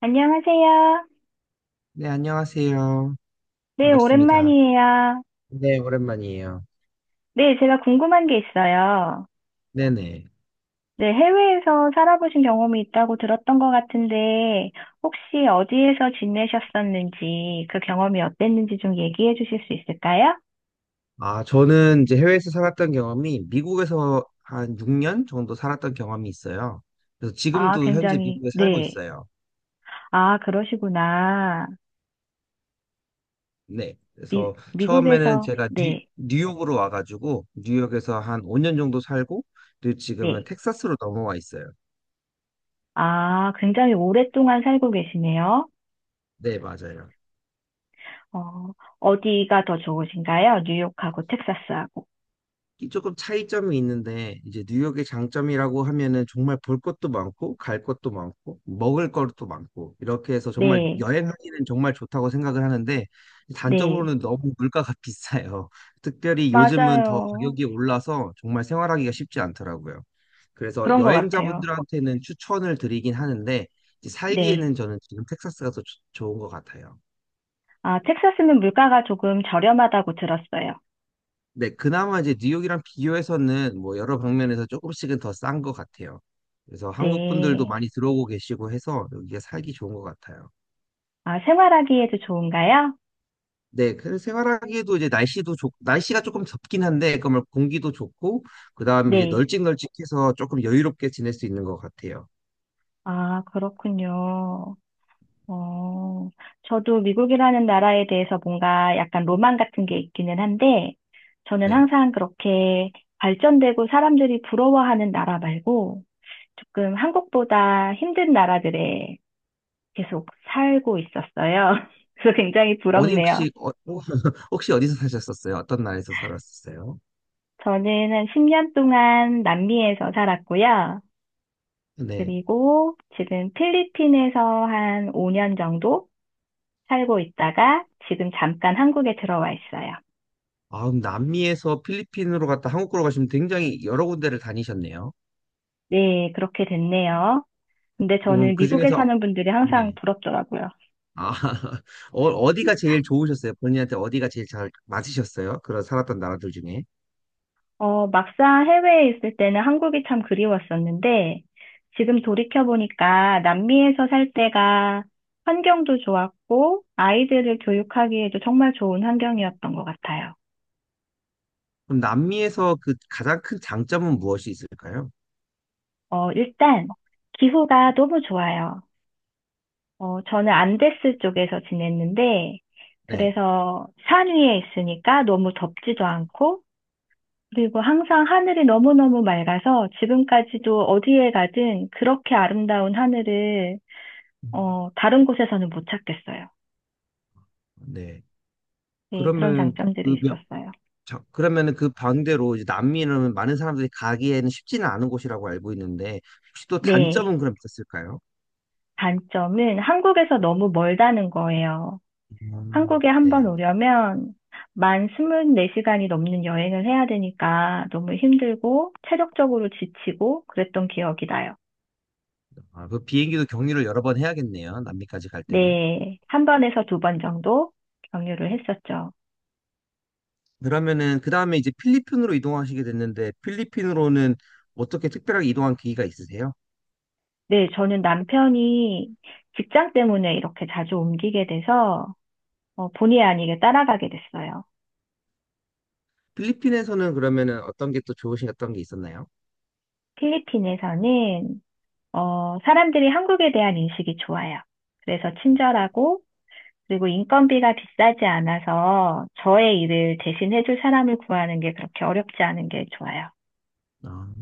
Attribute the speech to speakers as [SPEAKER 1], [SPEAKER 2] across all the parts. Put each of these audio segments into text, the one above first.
[SPEAKER 1] 안녕하세요.
[SPEAKER 2] 네, 안녕하세요.
[SPEAKER 1] 네,
[SPEAKER 2] 반갑습니다.
[SPEAKER 1] 오랜만이에요.
[SPEAKER 2] 네, 오랜만이에요.
[SPEAKER 1] 네, 제가 궁금한 게 있어요.
[SPEAKER 2] 네네.
[SPEAKER 1] 네, 해외에서 살아보신 경험이 있다고 들었던 것 같은데, 혹시 어디에서 지내셨었는지, 그 경험이 어땠는지 좀 얘기해 주실 수 있을까요?
[SPEAKER 2] 아, 저는 이제 해외에서 살았던 경험이 미국에서 한 6년 정도 살았던 경험이 있어요. 그래서
[SPEAKER 1] 아,
[SPEAKER 2] 지금도 현재
[SPEAKER 1] 굉장히,
[SPEAKER 2] 미국에 살고
[SPEAKER 1] 네.
[SPEAKER 2] 있어요.
[SPEAKER 1] 아, 그러시구나.
[SPEAKER 2] 네.
[SPEAKER 1] 미,
[SPEAKER 2] 그래서 처음에는
[SPEAKER 1] 미국에서,
[SPEAKER 2] 제가 뉴,
[SPEAKER 1] 네,
[SPEAKER 2] 뉴욕으로 와가지고 뉴욕에서 한 5년 정도 살고, 그리고 지금은
[SPEAKER 1] 네.
[SPEAKER 2] 텍사스로 넘어와 있어요.
[SPEAKER 1] 아, 굉장히 오랫동안 살고 계시네요.
[SPEAKER 2] 네, 맞아요.
[SPEAKER 1] 어, 어디가 더 좋으신가요? 뉴욕하고 텍사스하고.
[SPEAKER 2] 이 조금 차이점이 있는데 이제 뉴욕의 장점이라고 하면은 정말 볼 것도 많고 갈 것도 많고 먹을 것도 많고 이렇게 해서 정말
[SPEAKER 1] 네,
[SPEAKER 2] 여행하기는 정말 좋다고 생각을 하는데,
[SPEAKER 1] 네.
[SPEAKER 2] 단점으로는 너무 물가가 비싸요. 특별히 요즘은 더
[SPEAKER 1] 맞아요.
[SPEAKER 2] 가격이 올라서 정말 생활하기가 쉽지 않더라고요. 그래서
[SPEAKER 1] 그런 것 같아요.
[SPEAKER 2] 여행자분들한테는 추천을 드리긴 하는데, 이제
[SPEAKER 1] 네.
[SPEAKER 2] 살기에는 저는 지금 텍사스가 더 좋은 것 같아요.
[SPEAKER 1] 아, 텍사스는 물가가 조금 저렴하다고 들었어요.
[SPEAKER 2] 네, 그나마 이제 뉴욕이랑 비교해서는 뭐 여러 방면에서 조금씩은 더 싼 것 같아요. 그래서 한국 분들도
[SPEAKER 1] 네.
[SPEAKER 2] 많이 들어오고 계시고 해서 여기가 살기 좋은 것 같아요.
[SPEAKER 1] 아, 생활하기에도 좋은가요?
[SPEAKER 2] 네, 그래서 생활하기에도 이제 날씨가 조금 덥긴 한데, 그러면 공기도 좋고, 그 다음에 이제
[SPEAKER 1] 네.
[SPEAKER 2] 널찍널찍해서 조금 여유롭게 지낼 수 있는 것 같아요.
[SPEAKER 1] 아, 그렇군요. 어, 저도 미국이라는 나라에 대해서 뭔가 약간 로망 같은 게 있기는 한데, 저는
[SPEAKER 2] 네.
[SPEAKER 1] 항상 그렇게 발전되고 사람들이 부러워하는 나라 말고, 조금 한국보다 힘든 나라들에 계속 살고 있었어요. 그래서 굉장히
[SPEAKER 2] 어디
[SPEAKER 1] 부럽네요.
[SPEAKER 2] 혹시, 어, 혹시 어디서 사셨었어요? 어떤 나라에서 살았었어요?
[SPEAKER 1] 저는 한 10년 동안 남미에서 살았고요.
[SPEAKER 2] 네.
[SPEAKER 1] 그리고 지금 필리핀에서 한 5년 정도 살고 있다가 지금 잠깐 한국에 들어와 있어요.
[SPEAKER 2] 아, 그럼 남미에서 필리핀으로 갔다 한국으로 가시면 굉장히 여러 군데를 다니셨네요.
[SPEAKER 1] 네, 그렇게 됐네요. 근데 저는
[SPEAKER 2] 그
[SPEAKER 1] 미국에
[SPEAKER 2] 중에서,
[SPEAKER 1] 사는 분들이 항상
[SPEAKER 2] 네.
[SPEAKER 1] 부럽더라고요.
[SPEAKER 2] 아, 어, 어디가 제일 좋으셨어요? 본인한테 어디가 제일 잘 맞으셨어요? 그런 살았던 나라들 중에.
[SPEAKER 1] 어, 막상 해외에 있을 때는 한국이 참 그리웠었는데 지금 돌이켜보니까 남미에서 살 때가 환경도 좋았고 아이들을 교육하기에도 정말 좋은 환경이었던 것 같아요.
[SPEAKER 2] 그럼 남미에서 그 가장 큰 장점은 무엇이 있을까요?
[SPEAKER 1] 어, 일단 기후가 너무 좋아요. 어, 저는 안데스 쪽에서 지냈는데,
[SPEAKER 2] 네.
[SPEAKER 1] 그래서 산 위에 있으니까 너무 덥지도 않고, 그리고 항상 하늘이 너무너무 맑아서 지금까지도 어디에 가든 그렇게 아름다운 하늘을,
[SPEAKER 2] 음.
[SPEAKER 1] 어, 다른 곳에서는 못 찾겠어요.
[SPEAKER 2] 네.
[SPEAKER 1] 네, 그런
[SPEAKER 2] 그러면
[SPEAKER 1] 장점들이
[SPEAKER 2] 그 몇-
[SPEAKER 1] 있었어요.
[SPEAKER 2] 그러면은 그 반대로 이제 남미는 많은 사람들이 가기에는 쉽지는 않은 곳이라고 알고 있는데 혹시 또
[SPEAKER 1] 네,
[SPEAKER 2] 단점은 그럼 있었을까요?
[SPEAKER 1] 단점은 한국에서 너무 멀다는 거예요.
[SPEAKER 2] 음.
[SPEAKER 1] 한국에 한 번
[SPEAKER 2] 네.
[SPEAKER 1] 오려면 만 24시간이 넘는 여행을 해야 되니까 너무 힘들고 체력적으로 지치고 그랬던 기억이 나요.
[SPEAKER 2] 아, 그 비행기도 경유를 여러 번 해야겠네요. 남미까지 갈 때는.
[SPEAKER 1] 네, 한 번에서 두 번 정도 경유를 했었죠.
[SPEAKER 2] 그러면은 그 다음에 이제 필리핀으로 이동하시게 됐는데, 필리핀으로는 어떻게 특별하게 이동한 계기가 있으세요?
[SPEAKER 1] 네, 저는 남편이 직장 때문에 이렇게 자주 옮기게 돼서 어, 본의 아니게 따라가게 됐어요.
[SPEAKER 2] 필리핀에서는 그러면은 어떤 게 또 좋으신 어떤 게 있었나요?
[SPEAKER 1] 필리핀에서는 어, 사람들이 한국에 대한 인식이 좋아요. 그래서 친절하고 그리고 인건비가 비싸지 않아서 저의 일을 대신 해줄 사람을 구하는 게 그렇게 어렵지 않은 게 좋아요.
[SPEAKER 2] 아,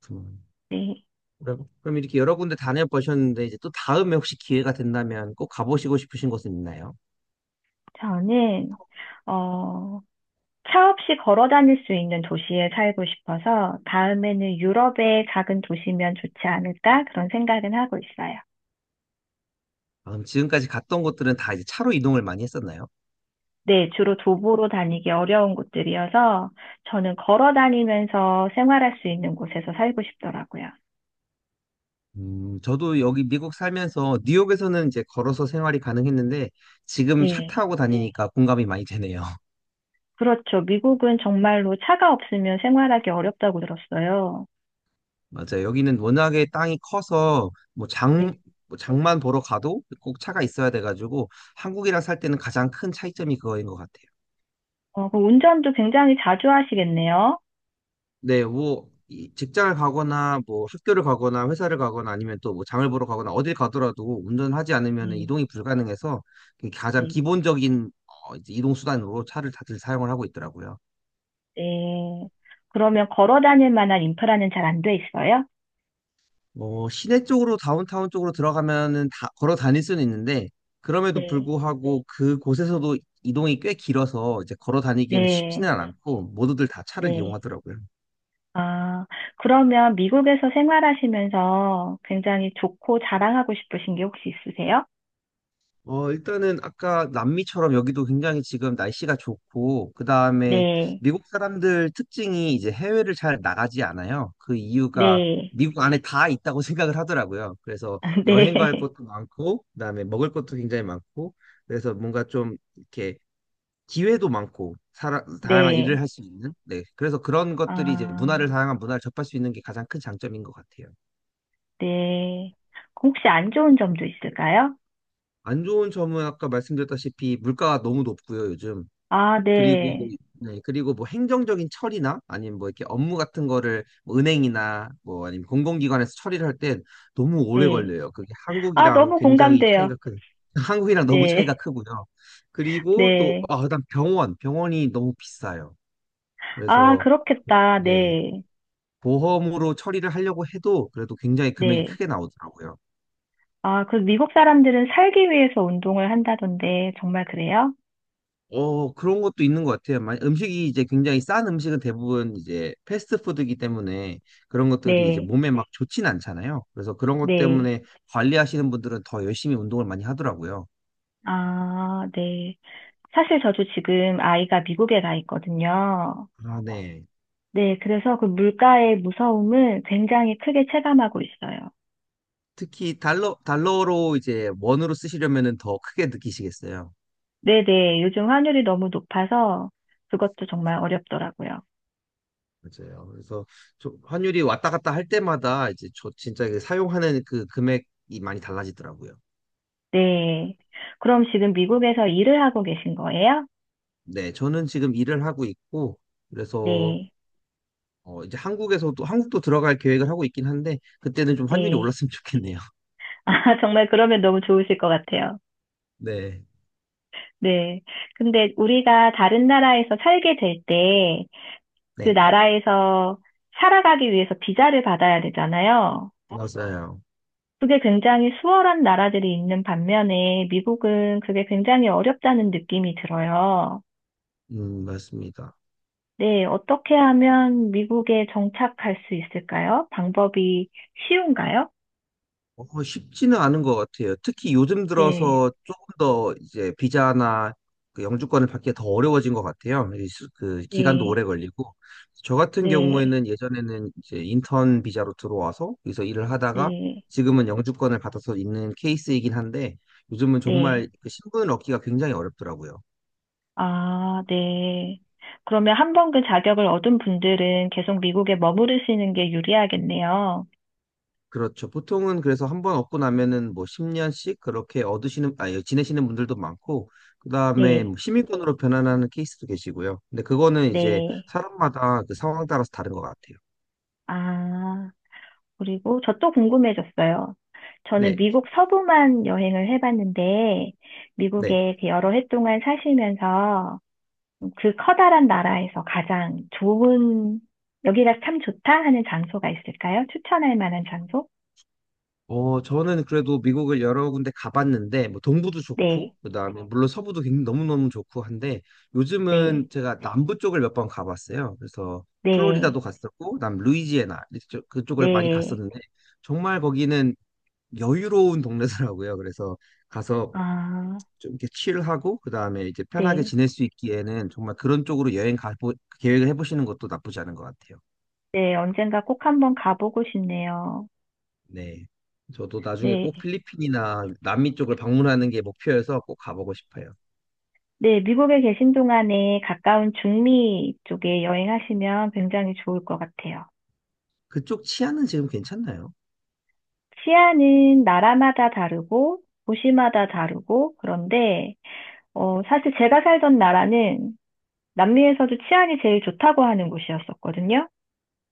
[SPEAKER 2] 그렇구나.
[SPEAKER 1] 네.
[SPEAKER 2] 그럼 그럼 이렇게 여러 군데 다녀보셨는데 이제 또 다음에 혹시 기회가 된다면 꼭 가보시고 싶으신 곳은 있나요?
[SPEAKER 1] 저는, 어, 차 없이 걸어 다닐 수 있는 도시에 살고 싶어서 다음에는 유럽의 작은 도시면 좋지 않을까 그런 생각은 하고 있어요.
[SPEAKER 2] 아, 그럼 지금까지 갔던 곳들은 다 이제 차로 이동을 많이 했었나요?
[SPEAKER 1] 네, 주로 도보로 다니기 어려운 곳들이어서 저는 걸어 다니면서 생활할 수 있는 곳에서 살고 싶더라고요.
[SPEAKER 2] 저도 여기 미국 살면서 뉴욕에서는 이제 걸어서 생활이 가능했는데 지금 차
[SPEAKER 1] 네.
[SPEAKER 2] 타고 다니니까 공감이 많이 되네요.
[SPEAKER 1] 그렇죠. 미국은 정말로 차가 없으면 생활하기 어렵다고 들었어요.
[SPEAKER 2] 맞아요. 여기는 워낙에 땅이 커서
[SPEAKER 1] 네,
[SPEAKER 2] 뭐 장만 보러 가도 꼭 차가 있어야 돼가지고 한국이랑 살 때는 가장 큰 차이점이 그거인 것 같아요.
[SPEAKER 1] 어, 그 운전도 굉장히 자주 하시겠네요.
[SPEAKER 2] 네, 뭐 이 직장을 가거나 뭐 학교를 가거나 회사를 가거나 아니면 또 뭐 장을 보러 가거나 어딜 가더라도 운전하지 않으면
[SPEAKER 1] 네,
[SPEAKER 2] 이동이 불가능해서, 그게 가장
[SPEAKER 1] 네,
[SPEAKER 2] 기본적인 어, 이제 이동 수단으로 차를 다들 사용을 하고 있더라고요.
[SPEAKER 1] 네. 그러면 걸어 다닐 만한 인프라는 잘 안 돼 있어요?
[SPEAKER 2] 뭐 시내 쪽으로 다운타운 쪽으로 들어가면은 다 걸어 다닐 수는 있는데 그럼에도
[SPEAKER 1] 네,
[SPEAKER 2] 불구하고 그곳에서도 이동이 꽤 길어서 이제 걸어 다니기에는
[SPEAKER 1] 네.
[SPEAKER 2] 쉽지는 않고 모두들 다 차를
[SPEAKER 1] 네.
[SPEAKER 2] 이용하더라고요.
[SPEAKER 1] 아, 그러면 미국에서 생활하시면서 굉장히 좋고 자랑하고 싶으신 게 혹시 있으세요?
[SPEAKER 2] 어, 일단은 아까 남미처럼 여기도 굉장히 지금 날씨가 좋고, 그다음에
[SPEAKER 1] 네.
[SPEAKER 2] 미국 사람들 특징이 이제 해외를 잘 나가지 않아요. 그 이유가
[SPEAKER 1] 네.
[SPEAKER 2] 미국 안에 다 있다고 생각을 하더라고요. 그래서 여행 갈
[SPEAKER 1] 네.
[SPEAKER 2] 것도 많고 그다음에 먹을 것도 굉장히 많고 그래서 뭔가 좀 이렇게 기회도 많고, 다양한
[SPEAKER 1] 네.
[SPEAKER 2] 일을 할 수 있는, 네, 그래서 그런 것들이 이제
[SPEAKER 1] 아,
[SPEAKER 2] 문화를 다양한 문화를 접할 수 있는 게 가장 큰 장점인 것 같아요.
[SPEAKER 1] 네. 혹시 안 좋은 점도 있을까요?
[SPEAKER 2] 안 좋은 점은 아까 말씀드렸다시피 물가가 너무 높고요, 요즘.
[SPEAKER 1] 아,
[SPEAKER 2] 그리고
[SPEAKER 1] 네.
[SPEAKER 2] 네 그리고 뭐 행정적인 처리나 아니면 뭐 이렇게 업무 같은 거를 뭐 은행이나 뭐 아니면 공공기관에서 처리를 할 땐 너무 오래
[SPEAKER 1] 네.
[SPEAKER 2] 걸려요. 그게
[SPEAKER 1] 아,
[SPEAKER 2] 한국이랑
[SPEAKER 1] 너무
[SPEAKER 2] 굉장히
[SPEAKER 1] 공감돼요.
[SPEAKER 2] 차이가 큰, 한국이랑 너무 차이가
[SPEAKER 1] 네.
[SPEAKER 2] 크고요. 그리고 또
[SPEAKER 1] 네.
[SPEAKER 2] 아, 그다음 병원이 너무 비싸요.
[SPEAKER 1] 아,
[SPEAKER 2] 그래서,
[SPEAKER 1] 그렇겠다.
[SPEAKER 2] 네.
[SPEAKER 1] 네.
[SPEAKER 2] 보험으로 처리를 하려고 해도 그래도 굉장히 금액이
[SPEAKER 1] 네.
[SPEAKER 2] 크게 나오더라고요.
[SPEAKER 1] 아, 그 미국 사람들은 살기 위해서 운동을 한다던데, 정말 그래요?
[SPEAKER 2] 어, 그런 것도 있는 것 같아요. 만 음식이 이제 굉장히 싼 음식은 대부분 이제 패스트푸드이기 때문에 그런 것들이 이제
[SPEAKER 1] 네.
[SPEAKER 2] 몸에 막 좋진 않잖아요. 그래서 그런 것
[SPEAKER 1] 네.
[SPEAKER 2] 때문에 관리하시는 분들은 더 열심히 운동을 많이 하더라고요.
[SPEAKER 1] 아, 네. 사실 저도 지금 아이가 미국에 가 있거든요.
[SPEAKER 2] 아, 네.
[SPEAKER 1] 네. 그래서 그 물가의 무서움을 굉장히 크게 체감하고 있어요.
[SPEAKER 2] 특히 달러로 이제 원으로 쓰시려면은 더 크게 느끼시겠어요.
[SPEAKER 1] 네네. 요즘 환율이 너무 높아서 그것도 정말 어렵더라고요.
[SPEAKER 2] 맞아요. 그래서 환율이 왔다 갔다 할 때마다 이제 저 진짜 그 사용하는 그 금액이 많이 달라지더라고요.
[SPEAKER 1] 네. 그럼 지금 미국에서 일을 하고 계신 거예요?
[SPEAKER 2] 네, 저는 지금 일을 하고 있고, 그래서
[SPEAKER 1] 네.
[SPEAKER 2] 어, 이제 한국도 들어갈 계획을 하고 있긴 한데, 그때는 좀 환율이
[SPEAKER 1] 네.
[SPEAKER 2] 올랐으면 좋겠네요.
[SPEAKER 1] 아, 정말 그러면 너무 좋으실 것 같아요.
[SPEAKER 2] 네,
[SPEAKER 1] 네. 근데 우리가 다른 나라에서 살게 될 때, 그
[SPEAKER 2] 네,
[SPEAKER 1] 나라에서 살아가기 위해서 비자를 받아야 되잖아요.
[SPEAKER 2] 맞아요.
[SPEAKER 1] 그게 굉장히 수월한 나라들이 있는 반면에 미국은 그게 굉장히 어렵다는 느낌이 들어요.
[SPEAKER 2] 맞습니다.
[SPEAKER 1] 네. 어떻게 하면 미국에 정착할 수 있을까요? 방법이 쉬운가요?
[SPEAKER 2] 어, 쉽지는 않은 것 같아요. 특히 요즘
[SPEAKER 1] 네.
[SPEAKER 2] 들어서 조금 더 이제 비자나 그 영주권을 받기가 더 어려워진 것 같아요. 그 기간도
[SPEAKER 1] 네.
[SPEAKER 2] 오래 걸리고. 저 같은
[SPEAKER 1] 네,
[SPEAKER 2] 경우에는 예전에는 이제 인턴 비자로 들어와서 여기서 일을 하다가
[SPEAKER 1] 네,
[SPEAKER 2] 지금은 영주권을 받아서 있는 케이스이긴 한데, 요즘은
[SPEAKER 1] 네.
[SPEAKER 2] 정말 그 신분을 얻기가 굉장히 어렵더라고요.
[SPEAKER 1] 아, 네. 그러면 한 번 그 자격을 얻은 분들은 계속 미국에 머무르시는 게 유리하겠네요.
[SPEAKER 2] 그렇죠. 보통은 그래서 한 번 얻고 나면은 뭐 10년씩 그렇게 지내시는 분들도 많고, 그 다음에
[SPEAKER 1] 네,
[SPEAKER 2] 시민권으로 변환하는 케이스도 계시고요. 근데 그거는 이제
[SPEAKER 1] 네.
[SPEAKER 2] 사람마다 그 상황 따라서 다른 것 같아요.
[SPEAKER 1] 아, 그리고 저 또 궁금해졌어요. 저는
[SPEAKER 2] 네,
[SPEAKER 1] 미국 서부만 여행을 해봤는데,
[SPEAKER 2] 네.
[SPEAKER 1] 미국에 그 여러 해 동안 사시면서 그 커다란 나라에서 가장 좋은, 여기가 참 좋다 하는 장소가 있을까요? 추천할 만한 장소?
[SPEAKER 2] 어, 저는 그래도 미국을 여러 군데 가봤는데, 뭐 동부도 좋고,
[SPEAKER 1] 네,
[SPEAKER 2] 그 다음에 물론 서부도 굉장히 너무너무 좋고 한데,
[SPEAKER 1] 네,
[SPEAKER 2] 요즘은 제가 남부 쪽을 몇 번 가봤어요. 그래서
[SPEAKER 1] 네.
[SPEAKER 2] 플로리다도 갔었고, 그다음 루이지애나 그쪽을 많이
[SPEAKER 1] 네.
[SPEAKER 2] 갔었는데, 정말 거기는 여유로운 동네더라고요. 그래서 가서
[SPEAKER 1] 아,
[SPEAKER 2] 좀 이렇게 칠하고 그다음에 이제 편하게
[SPEAKER 1] 네.
[SPEAKER 2] 지낼 수 있기에는 정말 그런 쪽으로 여행 가 계획을 해보시는 것도 나쁘지 않은 것 같아요.
[SPEAKER 1] 네, 언젠가 꼭 한번 가보고 싶네요.
[SPEAKER 2] 네. 저도 나중에 꼭
[SPEAKER 1] 네.
[SPEAKER 2] 필리핀이나 남미 쪽을 방문하는 게 목표여서 꼭 가보고 싶어요.
[SPEAKER 1] 네, 미국에 계신 동안에 가까운 중미 쪽에 여행하시면 굉장히 좋을 것 같아요.
[SPEAKER 2] 그쪽 치안은 지금 괜찮나요?
[SPEAKER 1] 치안은 나라마다 다르고 도시마다 다르고 그런데 어, 사실 제가 살던 나라는 남미에서도 치안이 제일 좋다고 하는 곳이었었거든요.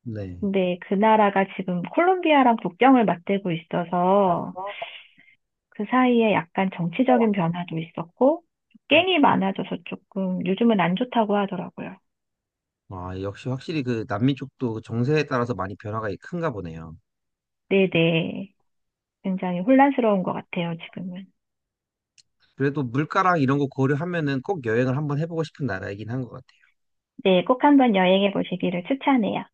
[SPEAKER 2] 네.
[SPEAKER 1] 근데 그 나라가 지금 콜롬비아랑 국경을 맞대고 있어서 그 사이에 약간 정치적인 변화도 있었고, 깽이 많아져서 조금 요즘은 안 좋다고 하더라고요.
[SPEAKER 2] 아, 역시 확실히 그 남미 쪽도 그 정세에 따라서 많이 변화가 큰가 보네요.
[SPEAKER 1] 네네. 굉장히 혼란스러운 것 같아요, 지금은.
[SPEAKER 2] 그래도 물가랑 이런 거 고려하면은 꼭 여행을 한번 해보고 싶은 나라이긴 한 것 같아요.
[SPEAKER 1] 네, 꼭 한번 여행해 보시기를 추천해요.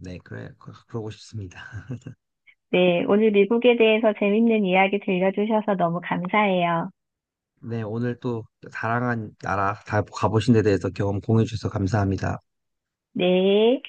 [SPEAKER 2] 네, 그래, 그러고 싶습니다.
[SPEAKER 1] 네, 오늘 미국에 대해서 재밌는 이야기 들려주셔서 너무 감사해요.
[SPEAKER 2] 네, 오늘 또 사랑한 나라 다 가보신 데 대해서 경험 공유해 주셔서 감사합니다.
[SPEAKER 1] 네.